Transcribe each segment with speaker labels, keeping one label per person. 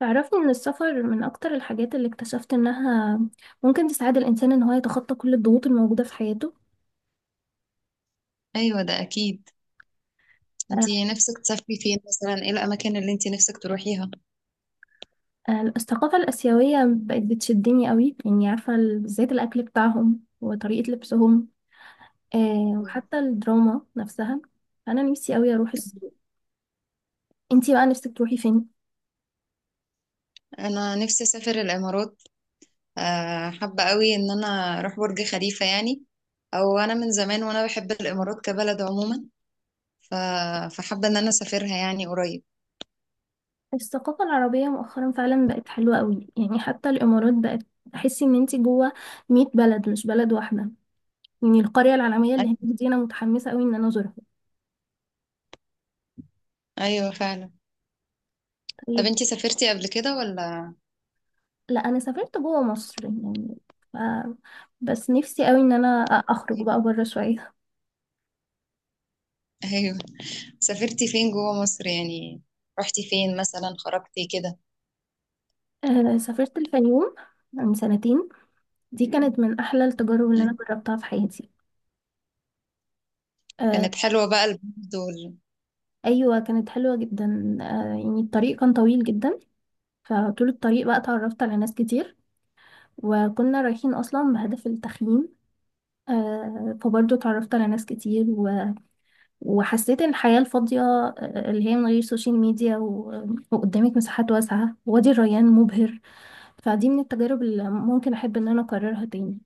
Speaker 1: تعرفني ان السفر من اكتر الحاجات اللي اكتشفت انها ممكن تساعد الانسان ان هو يتخطى كل الضغوط الموجودة في حياته.
Speaker 2: ايوه ده اكيد.
Speaker 1: آه،
Speaker 2: انتي نفسك تسافري فين مثلا؟ ايه الاماكن اللي انتي نفسك تروحيها؟
Speaker 1: الثقافة الآسيوية بقت بتشدني قوي، يعني عارفة بالذات الأكل بتاعهم وطريقة لبسهم.
Speaker 2: أيوة.
Speaker 1: وحتى الدراما نفسها. أنا نفسي قوي أروح الصين. انتي بقى نفسك تروحي فين؟
Speaker 2: انا نفسي اسافر الامارات. حابه قوي ان انا اروح برج خليفه يعني. او انا من زمان وانا بحب الامارات كبلد عموما. ف... فحابه ان انا اسافرها يعني قريب.
Speaker 1: الثقافة العربية مؤخرا فعلا بقت حلوة قوي، يعني حتى الإمارات بقت تحسي إن انتي جوه 100 بلد مش بلد واحدة. يعني القرية العالمية اللي
Speaker 2: ايوه،
Speaker 1: هناك دي أنا متحمسة قوي إن أنا أزورها.
Speaker 2: ايوه فعلا. طب
Speaker 1: طيب.
Speaker 2: انتي سافرتي قبل كده ولا؟
Speaker 1: لا انا سافرت جوه مصر يعني. ف... بس نفسي قوي ان انا اخرج
Speaker 2: إيه؟
Speaker 1: بقى بره شويه.
Speaker 2: ايوه. سافرتي فين جوه مصر يعني؟ رحتي فين مثلا خرجتي كده؟
Speaker 1: سافرت الفيوم من سنتين. دي كانت من احلى التجارب اللي
Speaker 2: أيوة.
Speaker 1: انا جربتها في حياتي. آه
Speaker 2: كانت حلوة بقى البلد
Speaker 1: ايوه كانت حلوه جدا، يعني الطريق كان طويل جدا. فطول الطريق بقى اتعرفت على ناس كتير، وكنا رايحين اصلا بهدف التخييم. فبرضه اتعرفت على ناس كتير وحسيت إن الحياة الفاضية، اللي هي من غير سوشيال ميديا وقدامك مساحات واسعة. وادي الريان مبهر. فدي من التجارب اللي ممكن احب ان انا اكررها تاني.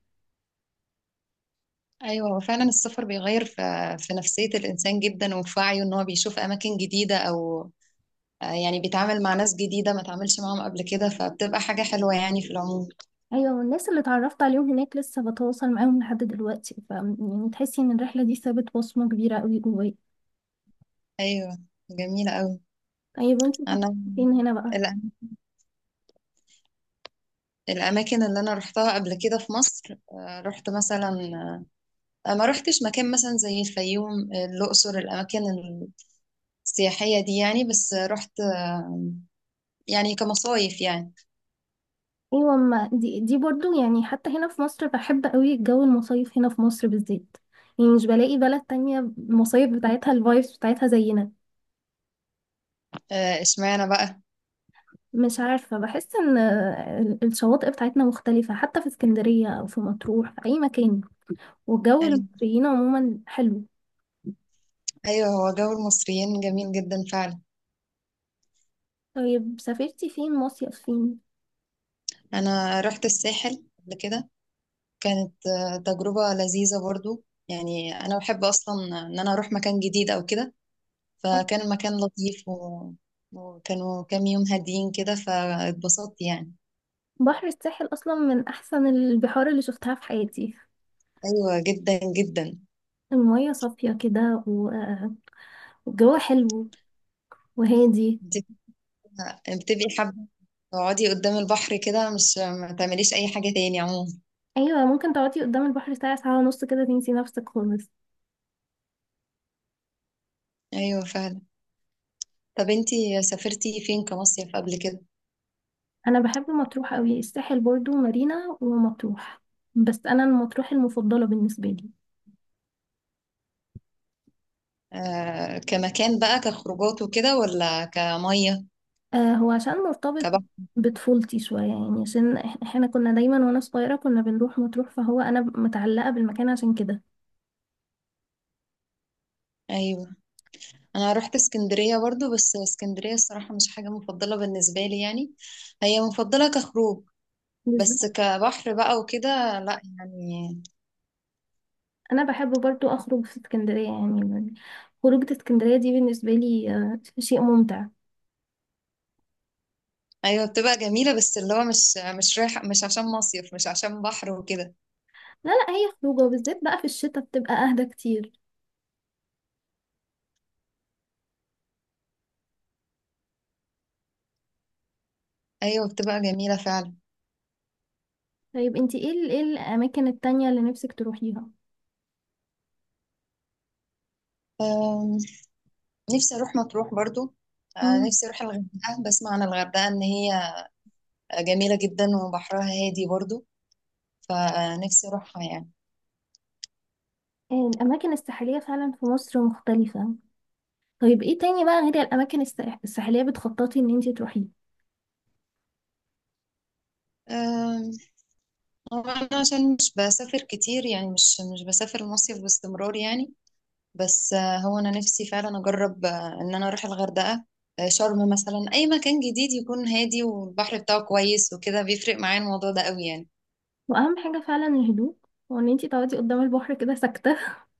Speaker 2: ايوه هو فعلا السفر بيغير في في نفسية الانسان جدا وفي وعيه ان هو بيشوف اماكن جديدة، او يعني بيتعامل مع ناس جديدة ما تعاملش معاهم قبل كده، فبتبقى حاجة حلوة يعني في العموم.
Speaker 1: ايوه، والناس اللي اتعرفت عليهم هناك لسه بتواصل معاهم لحد دلوقتي، ف يعني تحسي ان الرحله دي سابت بصمه كبيره قوي جوايا.
Speaker 2: ايوه، جميلة قوي.
Speaker 1: طيب، وانتي
Speaker 2: انا
Speaker 1: سافرتي فين هنا بقى؟
Speaker 2: الأ- الأماكن اللي أنا رحتها قبل كده في مصر، رحت مثلا، ما رحتش مكان مثلا زي الفيوم، الأقصر، الأماكن السياحية دي يعني. بس رحت يعني كمصايف يعني.
Speaker 1: ايوه، ما دي برضو، يعني حتى هنا في مصر بحب قوي جو المصايف هنا في مصر بالذات. يعني مش بلاقي بلد تانية المصايف بتاعتها الفايبس بتاعتها زينا.
Speaker 2: اشمعنى بقى؟
Speaker 1: مش عارفة، بحس ان الشواطئ بتاعتنا مختلفة، حتى في اسكندرية او في مطروح، في اي مكان. والجو
Speaker 2: أي-
Speaker 1: المصريين عموما حلو.
Speaker 2: ايوه هو جو المصريين جميل جدا فعلا.
Speaker 1: طيب، سافرتي فين مصيف فين؟
Speaker 2: انا رحت الساحل قبل كده. كانت تجربة لذيذة برضو يعني. انا بحب اصلا ان انا اروح مكان جديد او كده، فكان المكان لطيف وكانوا كام يوم هاديين كده، فاتبسطت يعني.
Speaker 1: بحر الساحل اصلا من احسن البحار اللي شفتها في حياتي.
Speaker 2: ايوه جدا جدا.
Speaker 1: المية صافية كده، والجو حلو وهادي.
Speaker 2: انت بتبقي حابة تقعدي قدام البحر كده، مش ما تعمليش اي حاجة تاني عموما؟
Speaker 1: ايوه ممكن تقعدي قدام البحر ساعة ساعة ونص كده، تنسي نفسك خالص.
Speaker 2: ايوه فعلا. طب انتي سافرتي فين كمصيف قبل كده؟
Speaker 1: انا بحب مطروح قوي، الساحل برضو مارينا ومطروح، بس انا مطروح المفضلة بالنسبة لي.
Speaker 2: آه، كمكان بقى، كخروجات وكده، ولا كمية؟
Speaker 1: آه هو عشان مرتبط
Speaker 2: كبحر؟
Speaker 1: بطفولتي شوية، يعني عشان احنا كنا دايما وانا صغيرة كنا بنروح مطروح، فهو انا متعلقة بالمكان عشان كده.
Speaker 2: ايوه. انا رحت اسكندرية برضو، بس اسكندرية الصراحة مش حاجة مفضلة بالنسبة لي يعني. هي مفضلة كخروج، بس
Speaker 1: بالظبط.
Speaker 2: كبحر بقى وكده لا يعني.
Speaker 1: انا بحب برضو اخرج في اسكندريه يعني. خروجة اسكندريه دي بالنسبه لي شيء ممتع.
Speaker 2: ايوه بتبقى جميلة، بس اللي هو مش رايح، مش عشان مصيف، مش عشان بحر وكده.
Speaker 1: لا لا، هي خروجه وبالذات بقى في الشتاء بتبقى اهدى كتير.
Speaker 2: ايوه بتبقى جميلة فعلا.
Speaker 1: طيب انتي ايه ايه الاماكن التانية اللي نفسك تروحيها؟
Speaker 2: أم، نفسي اروح مطروح برضو.
Speaker 1: مم.
Speaker 2: نفسي اروح الغردقة. بسمع عن الغردقة ان هي جميلة جدا وبحرها هادي برضو، فنفسي أروحها يعني.
Speaker 1: الاماكن الساحليه فعلا في مصر مختلفه. طيب ايه تاني بقى غير الاماكن الساحليه بتخططي ان انتي تروحيه؟
Speaker 2: أم، هو أنا عشان مش بسافر كتير يعني، مش بسافر المصيف باستمرار يعني. بس هو أنا نفسي فعلا أجرب إن أنا أروح الغردقة، شرم مثلا، أي مكان جديد يكون هادي والبحر بتاعه كويس وكده. بيفرق معايا الموضوع ده قوي يعني.
Speaker 1: واهم حاجه فعلا الهدوء، وان انتي تقعدي قدام البحر كده ساكته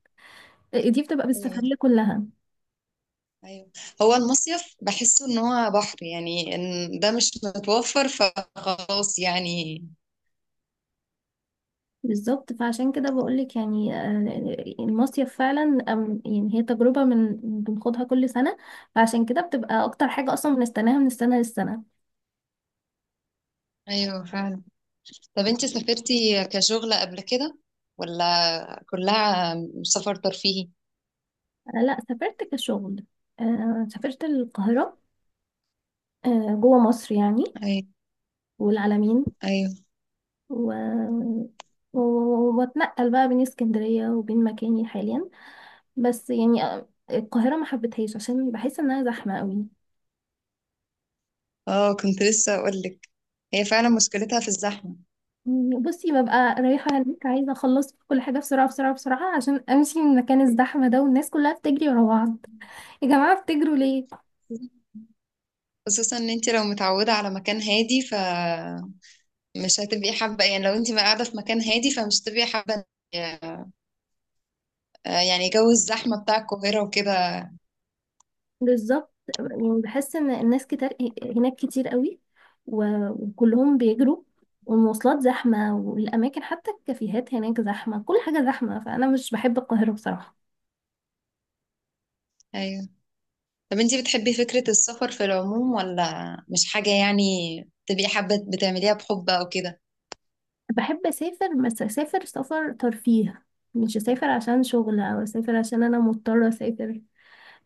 Speaker 1: دي بتبقى
Speaker 2: أيوه،
Speaker 1: بالسفريه كلها.
Speaker 2: أيوه. هو المصيف بحسه إن هو بحر يعني، إن ده مش متوفر فخلاص يعني.
Speaker 1: بالظبط، فعشان كده بقولك، يعني المصيف فعلا، يعني هي تجربة من بنخوضها كل سنة. فعشان كده بتبقى أكتر حاجة أصلا بنستناها من السنة للسنة.
Speaker 2: أيوه فعلا. طب انت سافرتي كشغل قبل كده، ولا كلها سفر ترفيهي؟
Speaker 1: أنا لأ سافرت كشغل. سافرت القاهرة، جوه مصر يعني،
Speaker 2: أي،
Speaker 1: والعلمين
Speaker 2: أيوة.
Speaker 1: و... وبتنقل بقى بين اسكندرية وبين مكاني حاليا. بس يعني القاهرة ما حبيتهاش عشان بحس إنها زحمة قوي.
Speaker 2: اه كنت لسه أقولك، هي فعلا مشكلتها في الزحمة.
Speaker 1: بصي ببقى رايحة هناك عايزة أخلص كل حاجة بسرعة بسرعة بسرعة عشان أمشي من مكان الزحمة ده، والناس كلها بتجري ورا بعض. يا جماعة بتجروا ليه؟
Speaker 2: خصوصا ان انت لو متعودة على مكان هادي فمش هتبقي حابة يعني. لو انت قاعدة في مكان هادي فمش هتبقي حابة يعني جو الزحمة بتاع القاهرة وكده.
Speaker 1: بالظبط. يعني بحس إن الناس كتير هناك كتير قوي، وكلهم بيجروا، والمواصلات زحمة، والأماكن حتى الكافيهات هناك زحمة، كل حاجة زحمة، فأنا مش بحب القاهرة بصراحة.
Speaker 2: أيوة. طب انت بتحبي فكرة السفر في العموم، ولا مش حاجة يعني تبقي حابة بتعمليها بحب أو كده؟
Speaker 1: بحب أسافر، بس أسافر سفر ترفيه. مش أسافر عشان شغل، أو أسافر عشان أنا مضطرة أسافر.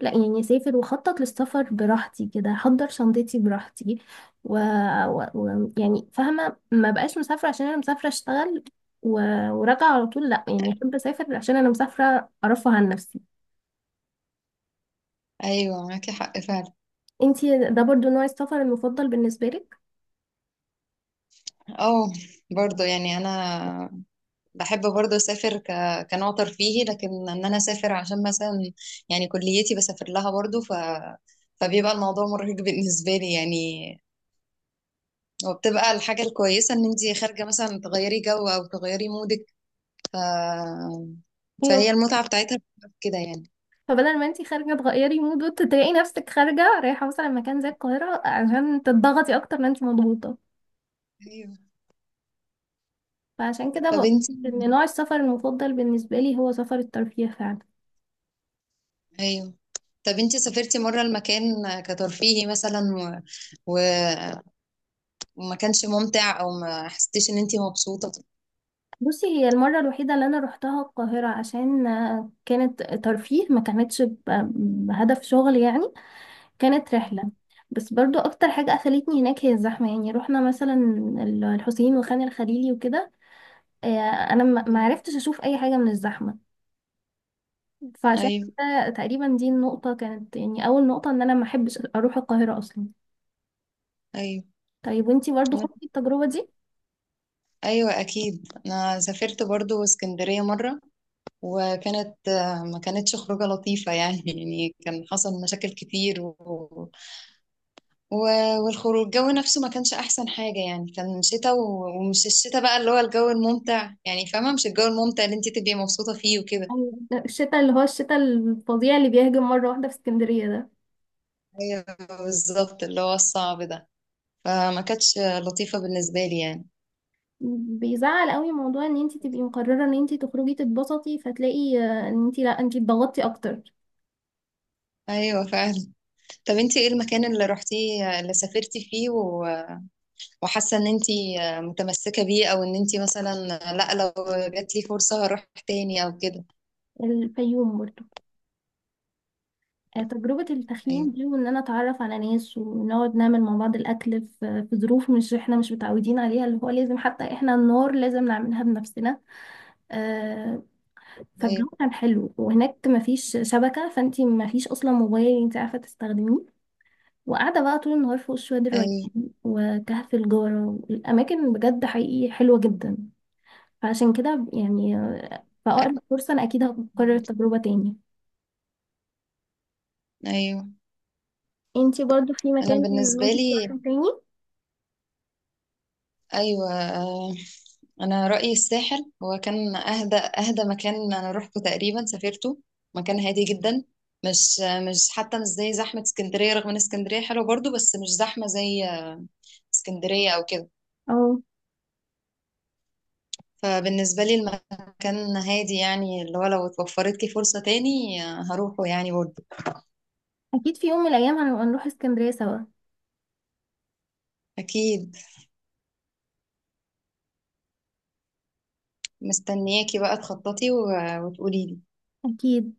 Speaker 1: لا يعني اسافر واخطط للسفر براحتي كده، احضر شنطتي براحتي، و... يعني فاهمه ما بقاش مسافره عشان انا مسافره اشتغل و... وراجعه على طول. لا يعني احب اسافر عشان انا مسافره ارفه عن نفسي.
Speaker 2: أيوة معاكي حق فعلا.
Speaker 1: انتي ده برضو نوع السفر المفضل بالنسبه لك؟
Speaker 2: اه برضو يعني. انا بحب برضو اسافر كنوع ترفيهي، لكن ان انا اسافر عشان مثلا يعني كليتي بسافر لها برضو، فبيبقى الموضوع مرهق بالنسبة لي يعني. وبتبقى الحاجة الكويسة ان انتي خارجة مثلا تغيري جو او تغيري مودك. ف...
Speaker 1: ايوه،
Speaker 2: فهي المتعة بتاعتها بتبقى في كده يعني.
Speaker 1: فبدل ما انتي خارجه تغيري مود، وتلاقي نفسك خارجه رايحه مثلا مكان زي القاهره عشان تضغطي اكتر ما انتي مضغوطه.
Speaker 2: ايوه.
Speaker 1: فعشان كده
Speaker 2: طب
Speaker 1: بقول
Speaker 2: انتي
Speaker 1: ان نوع السفر المفضل بالنسبه لي هو سفر الترفيه فعلا.
Speaker 2: ايوه طب انتي سافرتي مرة المكان كترفيهي مثلا و... وما كانش ممتع، او ما حسيتيش ان انتي مبسوطة؟
Speaker 1: بصي هي المرة الوحيدة اللي أنا روحتها القاهرة عشان كانت ترفيه ما كانتش بهدف شغل يعني. كانت رحلة، بس برضو أكتر حاجة قفلتني هناك هي الزحمة. يعني روحنا مثلا الحسين وخان الخليلي وكده، آه، أنا ما
Speaker 2: مم.
Speaker 1: عرفتش أشوف أي حاجة من الزحمة. فعشان
Speaker 2: ايوه،
Speaker 1: كده تقريبا دي النقطة كانت يعني أول نقطة إن أنا ما أحبش أروح القاهرة أصلا.
Speaker 2: ايوه.
Speaker 1: طيب وانتي برضو
Speaker 2: انا،
Speaker 1: خدتي التجربة دي؟
Speaker 2: ايوه اكيد. انا سافرت برضو اسكندريه مره، وكانت ما كانتش خروجه لطيفه يعني يعني كان حصل مشاكل كتير و... والخروج، الجو نفسه ما كانش احسن حاجه يعني. كان شتاء ومش الشتاء بقى اللي هو الجو الممتع يعني، فاهمه؟ مش الجو الممتع اللي انت تبقي مبسوطه فيه وكده.
Speaker 1: أيوة. الشتاء اللي هو الشتاء الفظيع اللي بيهجم مرة واحدة في اسكندرية ده
Speaker 2: ايوه بالظبط، اللي هو الصعب ده. فما كانتش لطيفه بالنسبه لي يعني.
Speaker 1: بيزعل قوي. موضوع ان انت تبقي مقرره ان انت تخرجي تتبسطي، فتلاقي ان انت لا، انت اتضغطتي اكتر.
Speaker 2: ايوه فعلا. طب انت ايه المكان اللي رحتيه اللي سافرتي فيه وحاسه ان انت متمسكه بيه، او ان انت مثلا، لا لو جات لي فرصه هروح تاني او كده؟
Speaker 1: الفيوم برضه. تجربه التخييم
Speaker 2: ايوه،
Speaker 1: دي وان انا اتعرف على ناس ونقعد نعمل مع بعض الاكل في ظروف مش احنا مش متعودين عليها، اللي هو لازم حتى احنا النار لازم نعملها بنفسنا. آه،
Speaker 2: ايوه،
Speaker 1: فالجو كان حلو وهناك مفيش شبكه، فانت مفيش اصلا موبايل انت عارفه تستخدميه. وقاعده بقى طول النهار فوق شويه الريان
Speaker 2: ايوه،
Speaker 1: وكهف الجارة، والأماكن بجد حقيقي حلوة جدا. فعشان كده يعني في أقرب فرصة أنا أكيد هكرر التجربة تاني.
Speaker 2: ايوه.
Speaker 1: انتي برضو في
Speaker 2: انا
Speaker 1: مكان
Speaker 2: بالنسبه
Speaker 1: ممكن تروحي
Speaker 2: لي،
Speaker 1: تاني؟
Speaker 2: ايوه، انا رايي الساحل هو كان اهدى. اهدى مكان انا روحته تقريبا، سافرته مكان هادي جدا. مش مش حتى مش زي زحمه اسكندريه، رغم ان اسكندريه حلوه برضو، بس مش زحمه زي اسكندريه او كده.
Speaker 1: أو
Speaker 2: فبالنسبة لي المكان هادي يعني، اللي هو لو اتوفرت لي فرصة تاني هروحه يعني برضه.
Speaker 1: أكيد في يوم من الأيام هنبقى نروح اسكندرية سوا.
Speaker 2: أكيد. مستنياكي بقى تخططي وتقولي لي.
Speaker 1: أكيد.